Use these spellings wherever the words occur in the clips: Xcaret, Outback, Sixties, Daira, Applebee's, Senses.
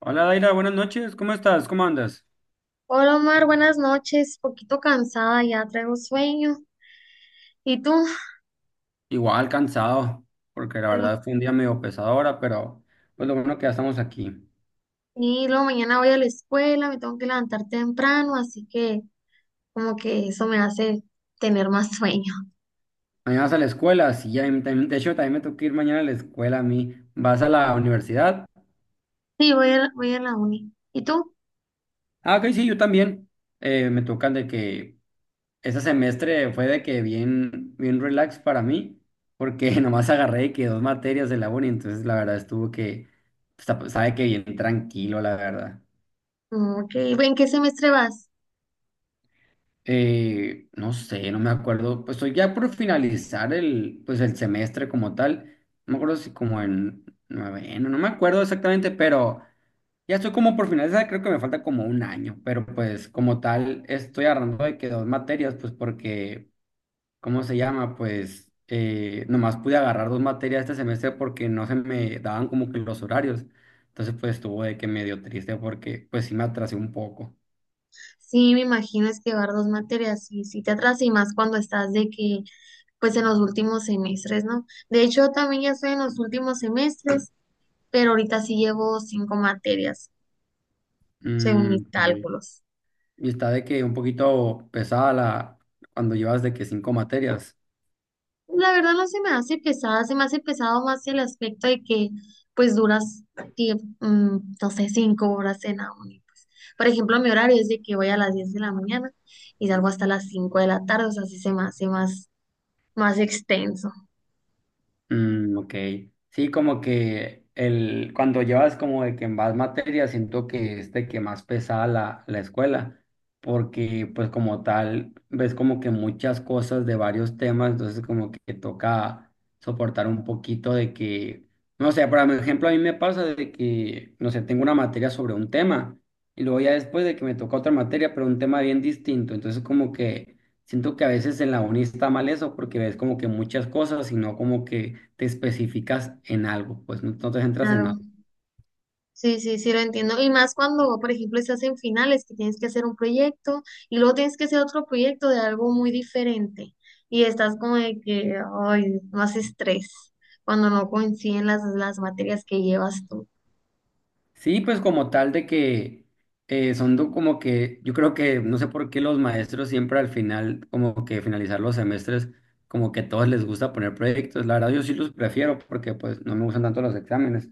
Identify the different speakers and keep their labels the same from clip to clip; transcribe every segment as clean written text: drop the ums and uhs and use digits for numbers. Speaker 1: Hola Daira, buenas noches, ¿cómo estás? ¿Cómo andas?
Speaker 2: Hola Omar, buenas noches. Poquito cansada, ya traigo sueño. ¿Y tú?
Speaker 1: Igual cansado, porque la
Speaker 2: Y lo-
Speaker 1: verdad fue un día medio pesado ahora, pero pues lo bueno que ya estamos aquí.
Speaker 2: y luego mañana voy a la escuela, me tengo que levantar temprano, así que como que eso me hace tener más sueño.
Speaker 1: Mañana vas a la escuela, sí, ya, de hecho también me toca ir mañana a la escuela a mí. ¿Vas a la universidad?
Speaker 2: Sí, voy a la uni. ¿Y tú?
Speaker 1: Ah, ok, sí, yo también. Me tocan de que ese semestre fue de que bien, bien relax para mí, porque nomás agarré de que dos materias de la uni, entonces la verdad estuvo que, sabe que bien tranquilo, la verdad.
Speaker 2: Mm, ok, ¿en qué semestre vas?
Speaker 1: No sé, no me acuerdo. Pues estoy ya por finalizar el, pues el semestre como tal. No me acuerdo si como en noveno, no me acuerdo exactamente, pero ya estoy como por finalizar. Creo que me falta como un año, pero pues como tal estoy agarrando de que dos materias, pues porque, ¿cómo se llama? Pues nomás pude agarrar dos materias este semestre porque no se me daban como que los horarios. Entonces pues estuvo de que medio triste porque pues sí me atrasé un poco.
Speaker 2: Sí, me imagino es que llevar dos materias y si te atrasas y más cuando estás de que, pues en los últimos semestres, ¿no? De hecho, también ya estoy en los últimos semestres, pero ahorita sí llevo cinco materias. Según mis
Speaker 1: Mm, ok.
Speaker 2: cálculos.
Speaker 1: Y está de que un poquito pesada la, cuando llevas de que cinco materias.
Speaker 2: La verdad no se me hace pesada, se me hace pesado más el aspecto de que pues duras, no sé, 5 horas en la uni, pues. Por ejemplo, mi horario es de que voy a las 10 de la mañana y salgo hasta las 5 de la tarde, o sea, sí se me hace más, más extenso.
Speaker 1: Mm, ok. Sí, como que el, cuando llevas como de que más materias, siento que es de que más pesada la, la escuela, porque pues como tal, ves como que muchas cosas de varios temas, entonces como que toca soportar un poquito de que, no sé, por ejemplo, a mí me pasa de que, no sé, tengo una materia sobre un tema. Y luego ya después de que me toca otra materia, pero un tema bien distinto. Entonces como que siento que a veces en la uni está mal eso porque ves como que muchas cosas y no como que te especificas en algo, pues no, no te centras en
Speaker 2: Claro.
Speaker 1: algo.
Speaker 2: Sí, sí, sí, lo entiendo. Y más cuando, por ejemplo, estás en finales, que tienes que hacer un proyecto y luego tienes que hacer otro proyecto de algo muy diferente. Y estás como de que, ay, más estrés cuando no coinciden las materias que llevas tú.
Speaker 1: Sí, pues como tal de que como que yo creo que no sé por qué los maestros siempre al final, como que finalizar los semestres, como que a todos les gusta poner proyectos. La verdad yo sí los prefiero porque pues no me gustan tanto los exámenes.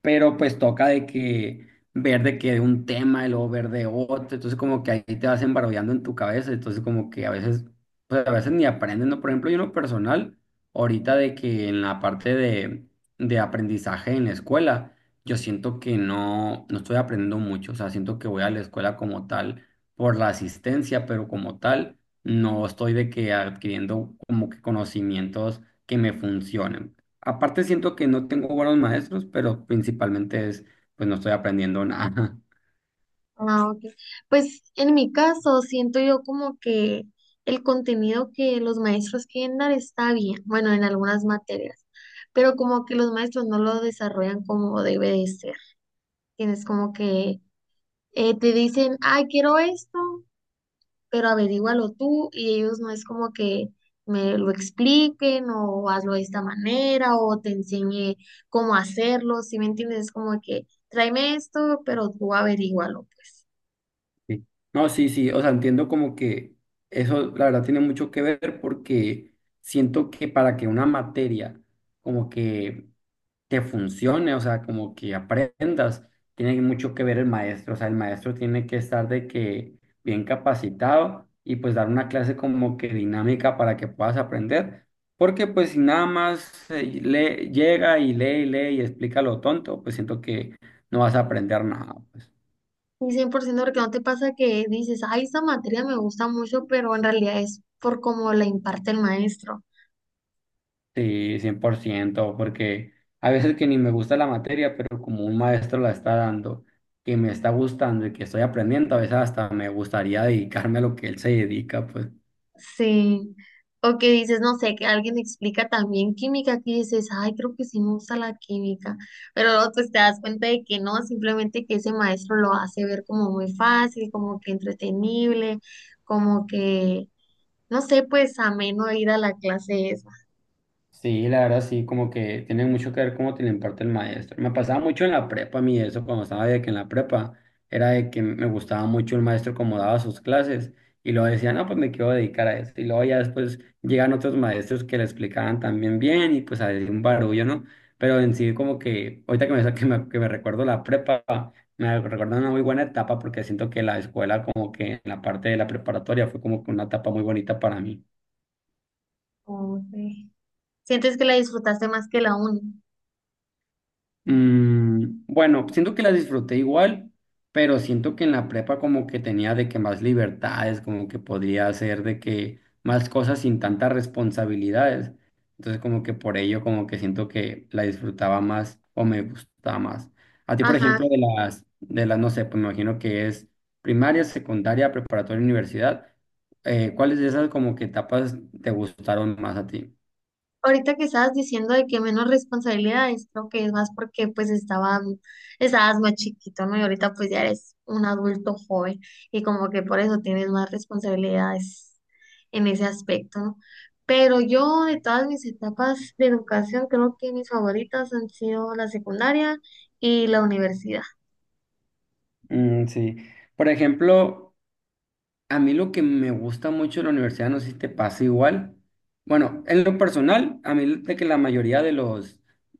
Speaker 1: Pero pues toca de que ver de que de un tema y luego ver de otro, entonces como que ahí te vas embarullando en tu cabeza, entonces como que a veces, pues a veces ni aprendes, ¿no? Por ejemplo, yo en lo personal, ahorita de que en la parte de aprendizaje en la escuela, yo siento que no, no estoy aprendiendo mucho, o sea, siento que voy a la escuela como tal por la asistencia, pero como tal, no estoy de que adquiriendo como que conocimientos que me funcionen. Aparte siento que no tengo buenos maestros, pero principalmente es, pues no estoy aprendiendo nada.
Speaker 2: Ah, ok. Pues en mi caso, siento yo como que el contenido que los maestros quieren dar está bien, bueno, en algunas materias, pero como que los maestros no lo desarrollan como debe de ser. Tienes como que te dicen, ay, quiero esto, pero averígualo tú y ellos no es como que me lo expliquen o hazlo de esta manera o te enseñe cómo hacerlo, ¿si me entiendes? Es como que tráeme esto, pero tú averígualo, pues.
Speaker 1: Sí. No, sí, sí, o sea, entiendo como que eso la verdad tiene mucho que ver porque siento que para que una materia como que funcione, o sea, como que aprendas. Tiene mucho que ver el maestro, o sea, el maestro tiene que estar de que bien capacitado y pues dar una clase como que dinámica para que puedas aprender, porque pues si nada más le llega y lee y lee y explica lo tonto, pues siento que no vas a aprender nada, pues.
Speaker 2: Y 100% porque no te pasa que dices, ay, esta materia me gusta mucho, pero en realidad es por cómo la imparte el maestro.
Speaker 1: Sí, 100%. Porque a veces que ni me gusta la materia, pero como un maestro la está dando, que me está gustando y que estoy aprendiendo, a veces hasta me gustaría dedicarme a lo que él se dedica, pues.
Speaker 2: Sí. O que dices, no sé, que alguien explica también química, que dices, ay, creo que sí me gusta la química, pero luego pues te das cuenta de que no, simplemente que ese maestro lo hace ver como muy fácil, como que entretenible, como que, no sé, pues ameno ir a la clase esa.
Speaker 1: Sí, la verdad sí, como que tiene mucho que ver cómo te lo imparte el maestro. Me pasaba mucho en la prepa a mí eso, cuando estaba de que en la prepa era de que me gustaba mucho el maestro como daba sus clases y luego decía, no, pues me quiero dedicar a esto. Y luego ya después llegan otros maestros que le explicaban también bien y pues había un barullo, ¿no? Pero en sí como que, ahorita que me, que me recuerdo la prepa, me recuerdo una muy buena etapa porque siento que la escuela como que en la parte de la preparatoria fue como que una etapa muy bonita para mí.
Speaker 2: Como que sientes que la disfrutaste más que la uni.
Speaker 1: Mm, bueno, siento que la disfruté igual, pero siento que en la prepa como que tenía de que más libertades, como que podría hacer de que más cosas sin tantas responsabilidades. Entonces como que por ello como que siento que la disfrutaba más o me gustaba más. A ti, por
Speaker 2: Ajá.
Speaker 1: ejemplo, de las, no sé, pues me imagino que es primaria, secundaria, preparatoria, universidad. ¿Cuáles de esas como que etapas te gustaron más a ti?
Speaker 2: Ahorita que estabas diciendo de que menos responsabilidades, creo que es más porque pues estaban, estabas más chiquito, ¿no? Y ahorita pues ya eres un adulto joven y como que por eso tienes más responsabilidades en ese aspecto, ¿no? Pero yo de todas mis etapas de educación creo que mis favoritas han sido la secundaria y la universidad.
Speaker 1: Mm, sí. Por ejemplo, a mí lo que me gusta mucho de la universidad, no sé si te pasa igual. Bueno, en lo personal, a mí de que la mayoría de los,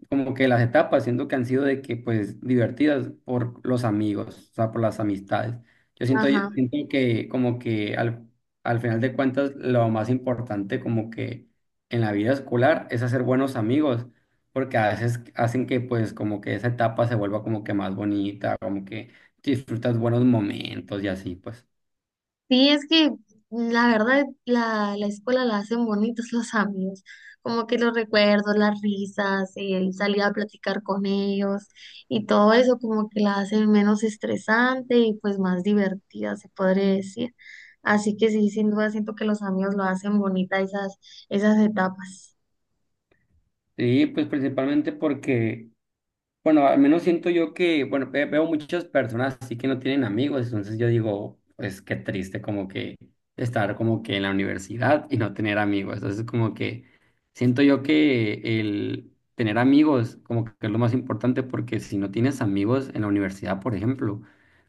Speaker 1: como que las etapas, siento que han sido de que, pues, divertidas por los amigos, o sea, por las amistades. Yo
Speaker 2: Ajá.
Speaker 1: siento que como que al, al final de cuentas, lo más importante como que en la vida escolar es hacer buenos amigos, porque a veces hacen que, pues, como que esa etapa se vuelva como que más bonita, como que disfrutas buenos momentos y así, pues.
Speaker 2: Sí, es que la verdad la, la escuela la hacen bonitos los amigos, como que los recuerdos, las risas, el salir a platicar con ellos y todo eso como que la hacen menos estresante y pues más divertida, se podría decir. Así que sí, sin duda siento que los amigos lo hacen bonita esas, esas etapas.
Speaker 1: Sí, pues principalmente porque, bueno, al menos siento yo que, bueno, veo muchas personas así que no tienen amigos, entonces yo digo, pues qué triste como que estar como que en la universidad y no tener amigos. Entonces como que siento yo que el tener amigos como que es lo más importante porque si no tienes amigos en la universidad, por ejemplo,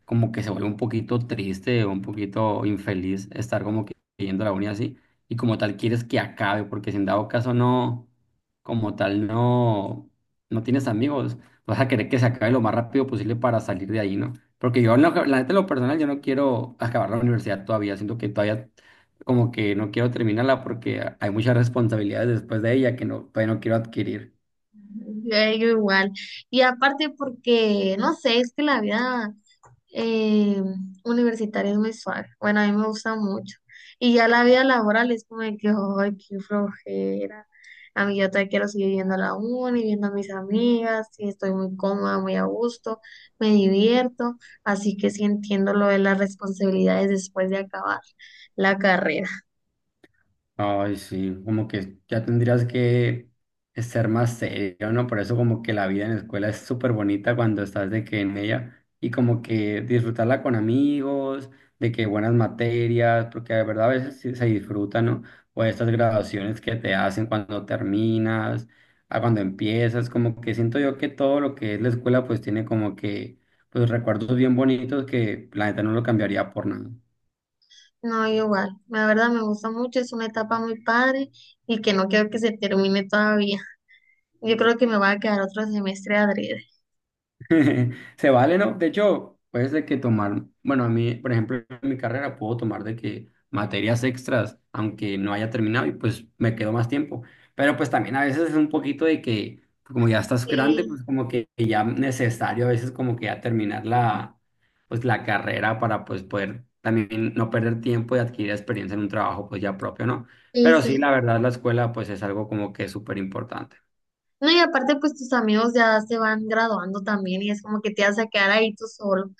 Speaker 1: como que se vuelve un poquito triste o un poquito infeliz estar como que yendo a la uni así y como tal quieres que acabe porque si en dado caso no, como tal no, no tienes amigos vas a querer que se acabe lo más rápido posible para salir de ahí, ¿no? Porque yo, en lo, la neta, en lo personal, yo no quiero acabar la universidad todavía, siento que todavía como que no quiero terminarla porque hay muchas responsabilidades después de ella que no, todavía no quiero adquirir.
Speaker 2: Yo digo igual. Y aparte porque, no sé, es que la vida eh, universitario mensual. Bueno, a mí me gusta mucho. Y ya la vida laboral es como de que, ay, qué flojera. A mí yo todavía quiero seguir viendo a la uni, viendo a mis amigas, y estoy muy cómoda, muy a gusto, me divierto, así que sí entiendo lo de las responsabilidades después de acabar la carrera.
Speaker 1: Ay, sí, como que ya tendrías que ser más serio, ¿no? Por eso como que la vida en la escuela es súper bonita cuando estás de que en ella y como que disfrutarla con amigos, de que buenas materias, porque de verdad a veces sí se disfruta, ¿no? O estas graduaciones que te hacen cuando terminas, a cuando empiezas, como que siento yo que todo lo que es la escuela pues tiene como que pues recuerdos bien bonitos que la neta no lo cambiaría por nada.
Speaker 2: No, igual, la verdad me gusta mucho, es una etapa muy padre y que no quiero que se termine todavía. Yo creo que me va a quedar otro semestre adrede.
Speaker 1: Se vale, ¿no? De hecho, puedes de que tomar, bueno, a mí, por ejemplo, en mi carrera puedo tomar de que materias extras, aunque no haya terminado y pues me quedo más tiempo. Pero pues también a veces es un poquito de que, como ya estás grande,
Speaker 2: Sí,
Speaker 1: pues como que ya necesario a veces como que ya terminar la, pues la carrera para pues poder también no perder tiempo y adquirir experiencia en un trabajo pues ya propio, ¿no?
Speaker 2: sí,
Speaker 1: Pero sí,
Speaker 2: sí.
Speaker 1: la verdad, la escuela pues es algo como que súper importante.
Speaker 2: No, y aparte, pues tus amigos ya se van graduando también y es como que te vas a quedar ahí tú solo.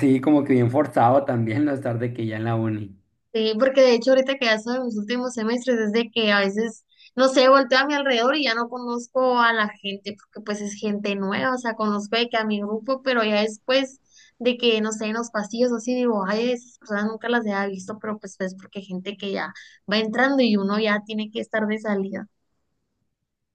Speaker 1: Sí, como que bien forzado también no estar de que ya en la uni.
Speaker 2: Sí, porque de hecho ahorita que ya soy en mis últimos semestres es de que a veces, no sé, volteo a mi alrededor y ya no conozco a la gente porque pues es gente nueva, o sea, conozco de que a mi grupo, pero ya después de que, no sé, en los pasillos o así digo, ay, esas personas nunca las había visto, pero pues es porque hay gente que ya va entrando y uno ya tiene que estar de salida.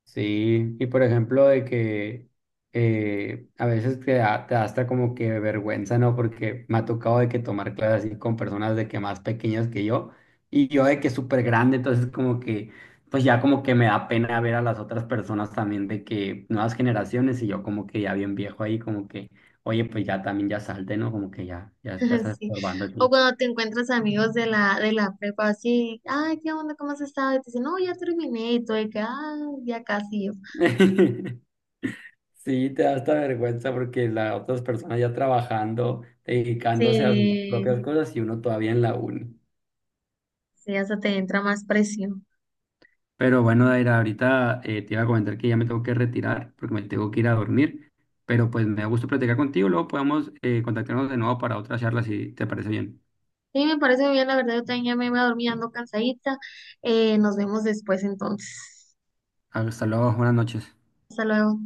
Speaker 1: Sí, y por ejemplo de que a veces te da hasta como que vergüenza, ¿no? Porque me ha tocado de que tomar clases así con personas de que más pequeñas que yo y yo de que súper grande, entonces como que pues ya como que me da pena ver a las otras personas también de que nuevas generaciones y yo como que ya bien viejo ahí como que, oye, pues ya también ya salte, ¿no? Como que ya, ya, ya estás
Speaker 2: Sí.
Speaker 1: estorbando
Speaker 2: O
Speaker 1: aquí.
Speaker 2: cuando te encuentras amigos de la prepa, así, ay, ¿qué onda? ¿Cómo has estado? Y te dicen, no, ya terminé, y tú de que, ah, ya casi yo.
Speaker 1: Sí, te da hasta vergüenza porque las otras personas ya trabajando, dedicándose a sus
Speaker 2: Sí,
Speaker 1: propias cosas y uno todavía en la uni.
Speaker 2: sí, hasta te entra más presión.
Speaker 1: Pero bueno, Daira, ahorita te iba a comentar que ya me tengo que retirar porque me tengo que ir a dormir. Pero pues me da gusto platicar contigo. Luego podemos contactarnos de nuevo para otra charla si te parece bien.
Speaker 2: Sí, me parece muy bien, la verdad, yo también ya me voy a dormir, ando cansadita. Nos vemos después entonces.
Speaker 1: Hasta luego, buenas noches.
Speaker 2: Hasta luego.